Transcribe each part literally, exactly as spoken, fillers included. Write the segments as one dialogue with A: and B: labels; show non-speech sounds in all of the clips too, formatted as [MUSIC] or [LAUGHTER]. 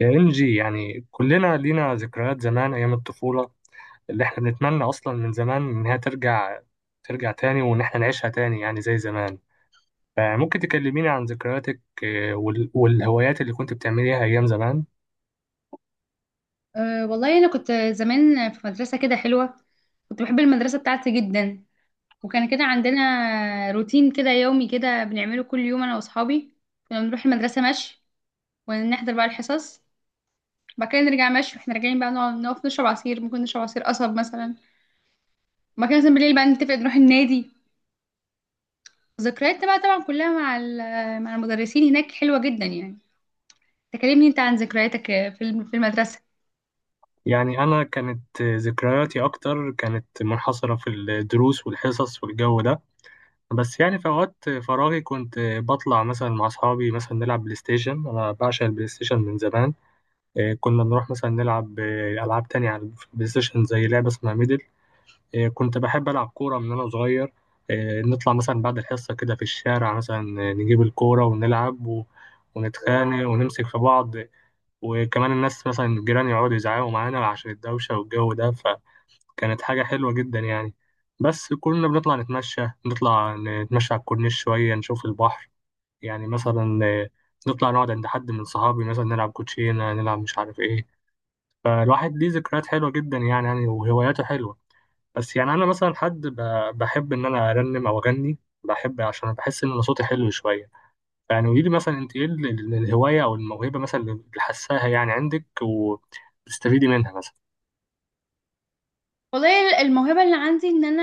A: يا إنجي، يعني كلنا لينا ذكريات زمان أيام الطفولة اللي إحنا بنتمنى أصلا من زمان إنها ترجع، ترجع تاني وإن إحنا نعيشها تاني يعني زي زمان. فممكن تكلميني عن ذكرياتك، آه، وال- والهوايات اللي كنت بتعمليها أيام زمان؟
B: أه والله أنا كنت زمان في مدرسة كده حلوة. كنت بحب المدرسة بتاعتي جدا، وكان كده عندنا روتين كده يومي كده بنعمله كل يوم أنا وأصحابي. كنا بنروح المدرسة مشي ونحضر بقى الحصص، بعد كده نرجع مشي واحنا راجعين بقى نقعد نقف نشرب عصير، ممكن نشرب عصير قصب مثلا، وبعد كده مثلا بالليل بقى نتفق نروح النادي. ذكرياتنا بقى طبعا كلها مع ال- مع المدرسين هناك حلوة جدا يعني. تكلمني انت عن ذكرياتك في الم- في المدرسة.
A: يعني أنا كانت آه، ذكرياتي أكتر كانت منحصرة في الدروس والحصص والجو ده، بس يعني في أوقات فراغي كنت آه، بطلع مثلا مع أصحابي مثلا نلعب بلاي ستيشن. أنا بعشق البلاي ستيشن من زمان. آه، كنا نروح مثلا نلعب آه، ألعاب تانية على البلاي ستيشن، زي لعبة اسمها ميدل. آه، كنت بحب ألعب كورة من وأنا صغير. آه، نطلع مثلا بعد الحصة كده في الشارع مثلا، آه، نجيب الكورة ونلعب و- ونتخانق ونمسك في بعض، وكمان الناس مثلا الجيران يقعدوا يزعقوا معانا عشان الدوشة والجو ده. فكانت حاجة حلوة جدا يعني. بس كنا بنطلع نتمشى، نطلع نتمشى على الكورنيش شوية نشوف البحر. يعني مثلا آه، نطلع نقعد عند حد من صحابي مثلا نلعب كوتشينة، نلعب مش عارف ايه. فالواحد ليه ذكريات حلوة جدا يعني، يعني وهواياته حلوة. بس يعني أنا مثلا حد ب- بحب إن أنا أرنم أو أغني. بحب عشان بحس إن أنا صوتي حلو شوية. يعني قولي لي مثلا، أنت إيه ال- ال- الهواية أو الموهبة مثلا اللي حاساها يعني عندك وبتستفيدي منها مثلا؟
B: والله الموهبة اللي عندي ان انا،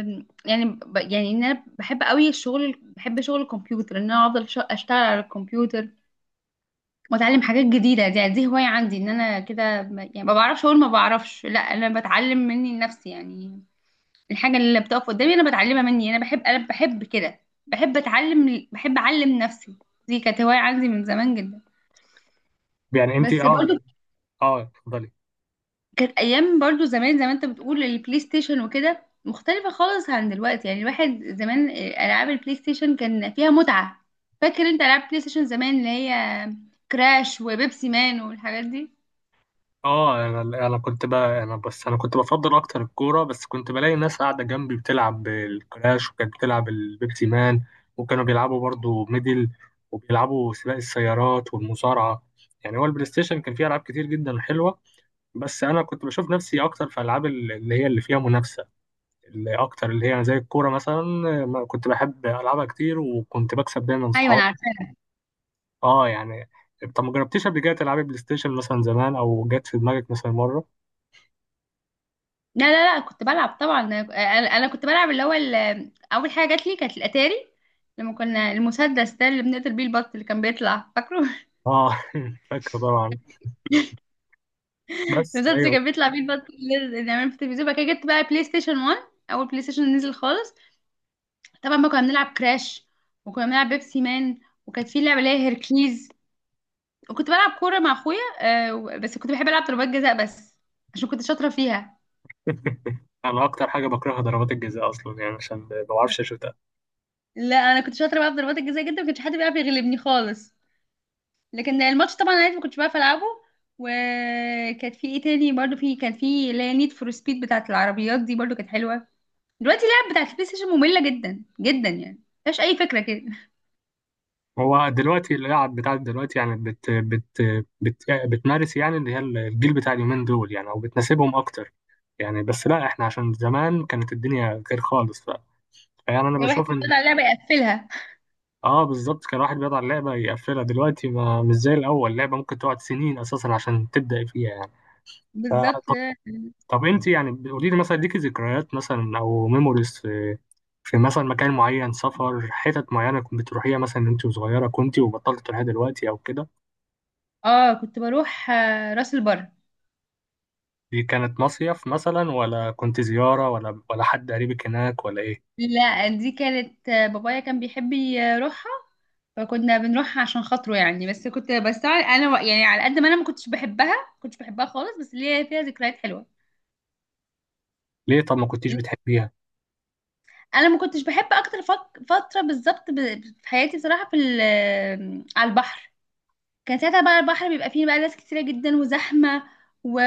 B: آم، يعني ب- يعني ان انا بحب قوي الشغل، بحب شغل الكمبيوتر، ان انا افضل ش- اشتغل على الكمبيوتر واتعلم حاجات جديدة. دي يعني دي هواية عندي، ان انا كده ب- يعني ما بعرفش اقول، ما بعرفش، لا انا بتعلم مني لنفسي يعني. الحاجة اللي بتقف قدامي انا بتعلمها مني، انا بحب، انا بحب كده، بحب اتعلم، بحب اعلم نفسي. دي كانت هواية عندي من زمان جدا.
A: يعني أنت
B: بس
A: أه.
B: برضو
A: أه اتفضلي.
B: كانت ايام برضو زمان زي ما انت بتقول، البلاي ستيشن وكده مختلفة خالص عن دلوقتي، يعني الواحد زمان، آه، العاب البلاي ستيشن كان فيها متعة. فاكر انت العاب بلاي ستيشن زمان، اللي هي كراش وبيبسي مان والحاجات دي؟
A: اه انا. انا كنت بقى انا بس انا كنت بفضل اكتر الكوره، بس كنت بلاقي ناس قاعده جنبي بتلعب الكراش وكانت بتلعب البيبسي مان، وكانوا بيلعبوا برضو ميدل، وبيلعبوا سباق السيارات والمصارعه. يعني هو البلاي ستيشن كان فيه العاب كتير جدا حلوه، بس انا كنت بشوف نفسي اكتر في العاب اللي هي اللي فيها منافسه، اللي اكتر اللي هي زي الكوره مثلا. ما كنت بحب العبها كتير، وكنت بكسب دايما
B: ايوه انا
A: صحابي.
B: عارفه.
A: اه يعني، طب ما جربتيش قبل كده تلعبي بلاي ستيشن مثلا زمان، او جت في دماغك مثلا مره؟
B: لا لا لا، كنت بلعب طبعا انا. أنا كنت بلعب اللي هو ال- اول حاجه جات لي كانت الاتاري، لما كنا المسدس ده اللي بنقتل بيه البط اللي كان بيطلع، فاكره؟ [LAUGHS]
A: اه [LAUGHS] فاكره طبعا. بس
B: المسدس اللي
A: ايوه.
B: كان بيطلع بيه البط اللي اللي بنعمله في التلفزيون. بعد كده جبت بقى بلاي ستيشن واحد، اول بلاي ستيشن نزل خالص. طبعا بقى كنا بنلعب كراش، وكنا بنلعب بيبسي مان، وكانت في لعبه اللي هي هيركليز، وكنت بلعب كوره مع اخويا، آه، و- بس كنت بحب العب ضربات جزاء بس، عشان كنت شاطره فيها.
A: [LAUGHS] انا اكتر حاجه بكرهها ضربات الجزاء اصلا، يعني عشان ما بعرفش اشوتها.
B: لا انا كنت شاطره بقى في ضربات الجزاء جدا، ما كانش حد بيعرف يغلبني خالص، لكن الماتش طبعا انا ما كنتش بعرف العبه. وكانت في ايه تاني برضو، في كان في اللي هي نيد فور سبيد بتاعت العربيات، دي برضو كانت حلوه. دلوقتي اللعب بتاعت البلاي ستيشن ممله جدا جدا يعني، مفيهاش اي فكره كده.
A: هو دلوقتي اللعب بتاعت دلوقتي يعني بت بت بت يعني بتمارس، يعني اللي هي الجيل بتاع اليومين دول، يعني او بتناسبهم اكتر يعني. بس لا، احنا عشان زمان كانت الدنيا غير خالص. ف- فيعني انا
B: [LAUGHS] الواحد
A: بشوف
B: كان
A: ان.
B: بيطلع لعبه يقفلها.
A: اه بالظبط، كان الواحد بيقعد على اللعبه يقفلها، دلوقتي ما مش زي الاول، اللعبه ممكن تقعد سنين اساسا عشان تبدا فيها يعني. ف
B: بالظبط.
A: طب انت يعني قولي لي مثلا، ليكي ذكريات مثلا او ميموريز في، في مثلا مكان معين، سفر، حتت معينه كنت بتروحيها مثلا انت وصغيره كنت وبطلت تروحيها دلوقتي او كده؟
B: اه كنت بروح، آه، راس البر.
A: دي كانت مصيف مثلا، ولا كنت زياره، ولا ولا حد قريبك هناك، ولا ايه؟
B: لا دي كانت، آه، بابايا كان بيحب يروحها، فكنا بنروحها عشان خاطره يعني، بس كنت، بس انا و- يعني على قد ما انا ما كنتش بحبها، كنتش بحبها خالص، بس ليا فيها ذكريات حلوه.
A: ليه طب ما كنتيش بتحبيها؟
B: انا ما كنتش بحب اكتر فك- فتره بالظبط ب- في حياتي بصراحه، في ال- آه، على البحر. كان ساعتها بقى البحر بيبقى فيه بقى ناس كتيره جدا وزحمه، و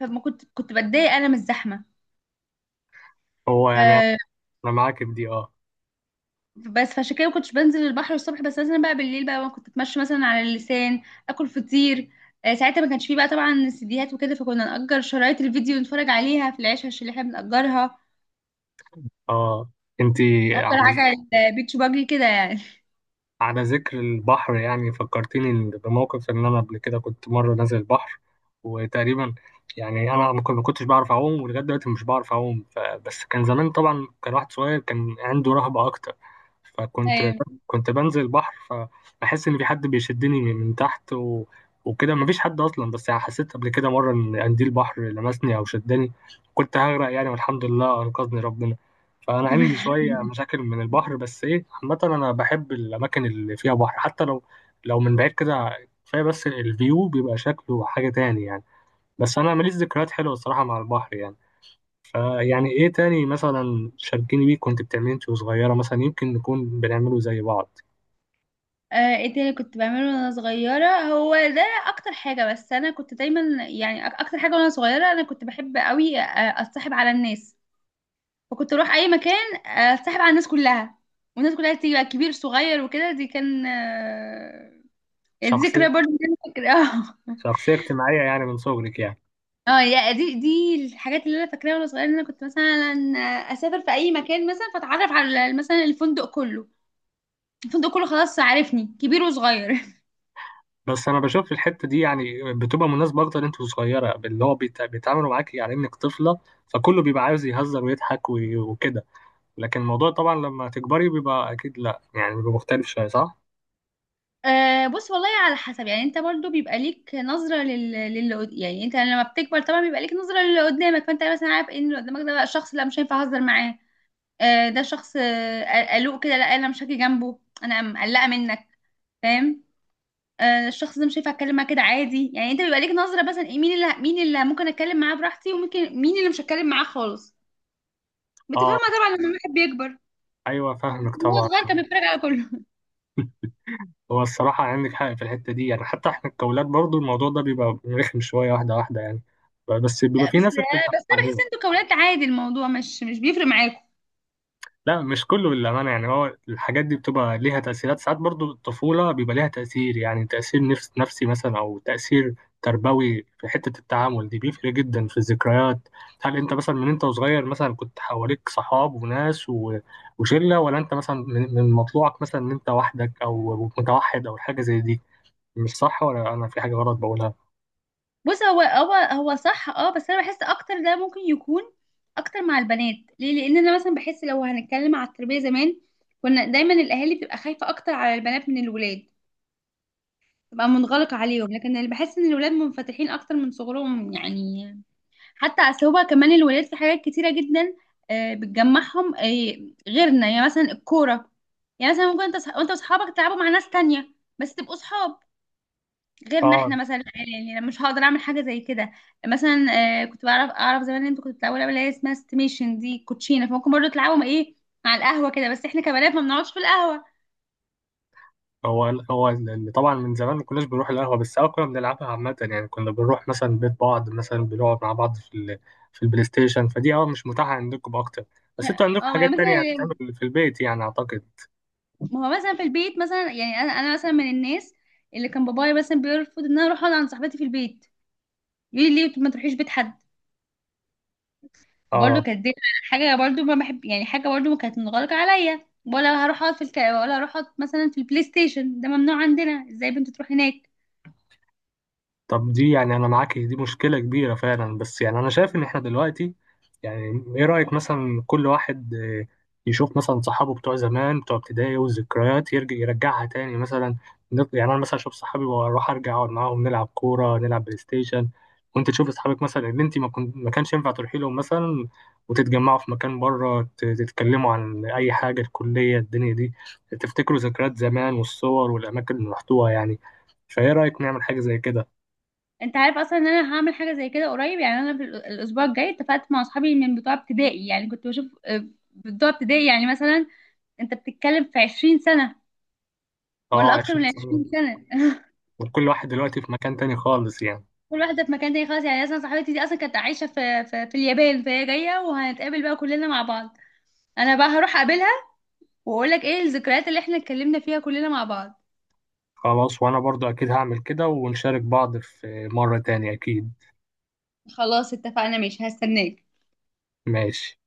B: فما كنت كنت بتضايق انا من الزحمه.
A: هو يعني، انا معاك في دي اه.
B: بس فعشان كده ما كنتش بنزل البحر الصبح، بس مثلا بقى بالليل بقى كنت اتمشى مثلا على اللسان، اكل فطير. آه، ساعتها ما كانش فيه بقى طبعا سيديهات وكده، فكنا نأجر شرايط الفيديو نتفرج عليها في العيشة اللي احنا بنأجرها،
A: اه انت.
B: نأجر
A: على
B: حاجة على البيتش باجي كده يعني.
A: على ذكر البحر، يعني فكرتني بموقف ان انا قبل كده كنت مره نازل البحر، وتقريبا يعني انا ما كنت- ما كنتش بعرف اعوم، ولغايه دلوقتي مش بعرف اعوم. ف- بس كان زمان طبعا، كان واحد صغير، كان عنده رهبه اكتر.
B: [LAUGHS]
A: فكنت
B: ايوه،
A: كنت بنزل البحر فبحس ان في حد بيشدني من من تحت، و... وكده مفيش حد اصلا. بس يعني حسيت قبل كده مره ان قنديل البحر لمسني او شدني، كنت هغرق يعني، والحمد لله انقذني ربنا. فأنا عندي
B: تمام.
A: شوية مشاكل من البحر، بس إيه، عامة أنا بحب الأماكن اللي فيها بحر، حتى لو، لو من بعيد كده، كفاية بس الفيو بيبقى شكله حاجة تاني يعني. بس أنا ماليش ذكريات حلوة الصراحة مع البحر يعني. فيعني إيه تاني مثلا شاركيني بيه، كنت بتعمليه أنت وصغيرة مثلا، يمكن نكون بنعمله زي بعض؟
B: آه، ايه تاني كنت بعمله وانا صغيرة؟ هو ده اكتر حاجة، بس انا كنت دايما، يعني أك- اكتر حاجة وانا صغيرة انا كنت بحب قوي، آه، اتصاحب على الناس، فكنت اروح اي مكان اتصاحب على الناس كلها، والناس كلها تيجي بقى كبير صغير وكده. دي كان، آه، يعني دي ذكرى
A: شخصية،
B: برضه انا فاكراها. [LAUGHS]
A: شخصية اجتماعية يعني من صغرك يعني.
B: اه يا دي دي الحاجات اللي انا فاكراها وانا صغيره، ان انا كنت مثلا اسافر في اي مكان مثلا فاتعرف على مثلا الفندق كله، الفندق كله خلاص عارفني كبير وصغير. [LAUGHS]
A: بس أنا بشوف الحتة دي يعني بتبقى مناسبة أكتر أنت وصغيرة، اللي هو بيت- بيتعاملوا معاك على إنك طفلة، فكله بيبقى عاوز يهزر ويضحك وي- وكده. لكن الموضوع طبعا لما تكبري بيبقى اكيد لا، يعني بيبقى مختلف شويه، صح؟
B: أه بص والله، على حسب، يعني انت برضو بيبقى ليك نظرة لل... للي قد- يعني انت لما بتكبر طبعا بيبقى ليك نظرة للي قدامك، فانت مثلا عارف ان اللي قدامك ده بقى شخص، لا مش هينفع اهزر معاه، آه، ده شخص، آه، قلوق كده، لا انا مش هاجي جنبه، انا مقلقه منك، فاهم؟ آه، الشخص ده مش هينفع اتكلم معاه كده عادي، يعني انت بيبقى ليك نظره مثلا، ايه مين اللي، مين اللي ممكن اتكلم معاه براحتي، وممكن مين اللي مش هتكلم معاه خالص،
A: اه،
B: بتفهمها طبعا لما الواحد بيكبر.
A: ايوه فاهمك
B: هو
A: طبعا.
B: صغير كان بيتفرج على كله.
A: هو الصراحه عندك حق في الحته دي يعني، حتى احنا كأولاد برضو الموضوع ده بيبقى رخم شويه، واحده واحده يعني. بس بيبقى
B: لا
A: في
B: بس،
A: ناس بتتعب
B: بس انا بحس
A: عليه.
B: انتوا كولاد عادي، الموضوع مش مش بيفرق معاكم.
A: لا مش كله للأمانة يعني، هو الحاجات دي بتبقى ليها تأثيرات ساعات، برضو الطفولة بيبقى ليها تأثير، يعني تأثير نفس نفسي مثلا، أو تأثير تربوي في حتة التعامل دي، بيفرق جدا في الذكريات. هل أنت مثلا من أنت وصغير مثلا كنت حواليك صحاب وناس و- وشلة، ولا أنت مثلا من من مطلوعك مثلا إن أنت وحدك أو متوحد أو حاجة زي دي؟ مش صح، ولا أنا في حاجة غلط بقولها؟
B: بص، هو هو هو صح، اه بس انا بحس اكتر ده ممكن يكون اكتر مع البنات. ليه؟ لان انا مثلا بحس لو هنتكلم على التربيه زمان، كنا دايما الاهالي بتبقى خايفه اكتر على البنات من الولاد، تبقى منغلقه عليهم، لكن اللي بحس ان الولاد منفتحين اكتر من صغرهم يعني. حتى اصل هو كمان الولاد في حاجات كتيره جدا، آه، بتجمعهم، آه، غيرنا، يعني مثلا الكوره، يعني مثلا ممكن انت وأصح- وانت واصحابك تلعبوا مع ناس تانية بس تبقوا صحاب. غيرنا احنا مثلا، يعني انا مش هقدر اعمل حاجه زي كده مثلا. آه، كنت بعرف، اعرف زمان ان انتوا كنتوا بتلعبوا لعبه اللي هي اسمها استيميشن، دي كوتشينه، فممكن برضه تلعبهم ايه على القهوه كده، بس احنا كبنات ما بنقعدش في القهوه.
A: هو هو اللي طبعا من زمان ما كناش بنروح القهوة، بس أه كنا بنلعبها عامة يعني، كنا بنروح مثلا بيت بعض مثلا، بنقعد مع بعض في ال، في البلاي ستيشن. فدي أه مش متاحة عندكم أكتر، بس أنتوا عندكم
B: اه ما هي
A: حاجات تانية
B: مثلا،
A: هتتعمل في البيت يعني أعتقد.
B: ما هو مثلا في البيت مثلا، يعني انا انا مثلا من الناس اللي كان بابايا مثلا بيرفض ان انا اروح اقعد عند صاحبتي في البيت، يقول لي ليه ما تروحيش بيت حد. فبرضه
A: أه
B: كانت دي حاجه برضه ما بحب، يعني حاجه برضه كانت منغلقه عليا، ولا هروح اقعد في الك... ولا هروح اقعد مثلا في البلاي ستيشن، ده ممنوع عندنا، ازاي بنت تروح هناك.
A: طب دي يعني انا معاك، دي مشكله كبيره فعلا. بس يعني انا شايف ان احنا دلوقتي، يعني ايه رايك مثلا كل واحد آه، يشوف مثلا صحابه بتوع زمان بتوع ابتدائي، والذكريات يرجع يرجعها تاني مثلا. نط- يعني انا مثلا اشوف صحابي واروح ارجع اقعد معاهم، نلعب كوره نلعب بلاي ستيشن، وانت تشوف اصحابك مثلا اللي انت ما كنت ما كانش ينفع تروحي لهم مثلا، وتتجمعوا في مكان بره ت- تتكلموا عن اي حاجه، الكليه، الدنيا دي، تفتكروا ذكريات زمان والصور والاماكن اللي رحتوها يعني. فايه رايك نعمل حاجه زي كده؟
B: انت عارف اصلا ان انا هعمل حاجه زي كده قريب؟ يعني انا في ال- الاسبوع الجاي اتفقت مع اصحابي من بتوع ابتدائي، يعني كنت بشوف، آه، بتوع ابتدائي يعني مثلا انت بتتكلم في عشرين سنه ولا
A: اه
B: اكتر
A: عشرين
B: من
A: سنة.
B: عشرين سنه. [LAUGHS]
A: وكل واحد دلوقتي في مكان تاني خالص يعني.
B: كل واحده في مكان تاني خالص يعني، اصلا صاحبتي دي اصلا كانت عايشه في في, في اليابان، فهي جايه وهنتقابل بقى كلنا مع بعض، انا بقى هروح اقابلها واقول لك ايه الذكريات اللي احنا اتكلمنا فيها كلنا مع بعض.
A: خلاص وانا برضو اكيد هعمل كده، ونشارك بعض في مرة تانية اكيد.
B: خلاص اتفقنا، ماشي، هستناك.
A: ماشي.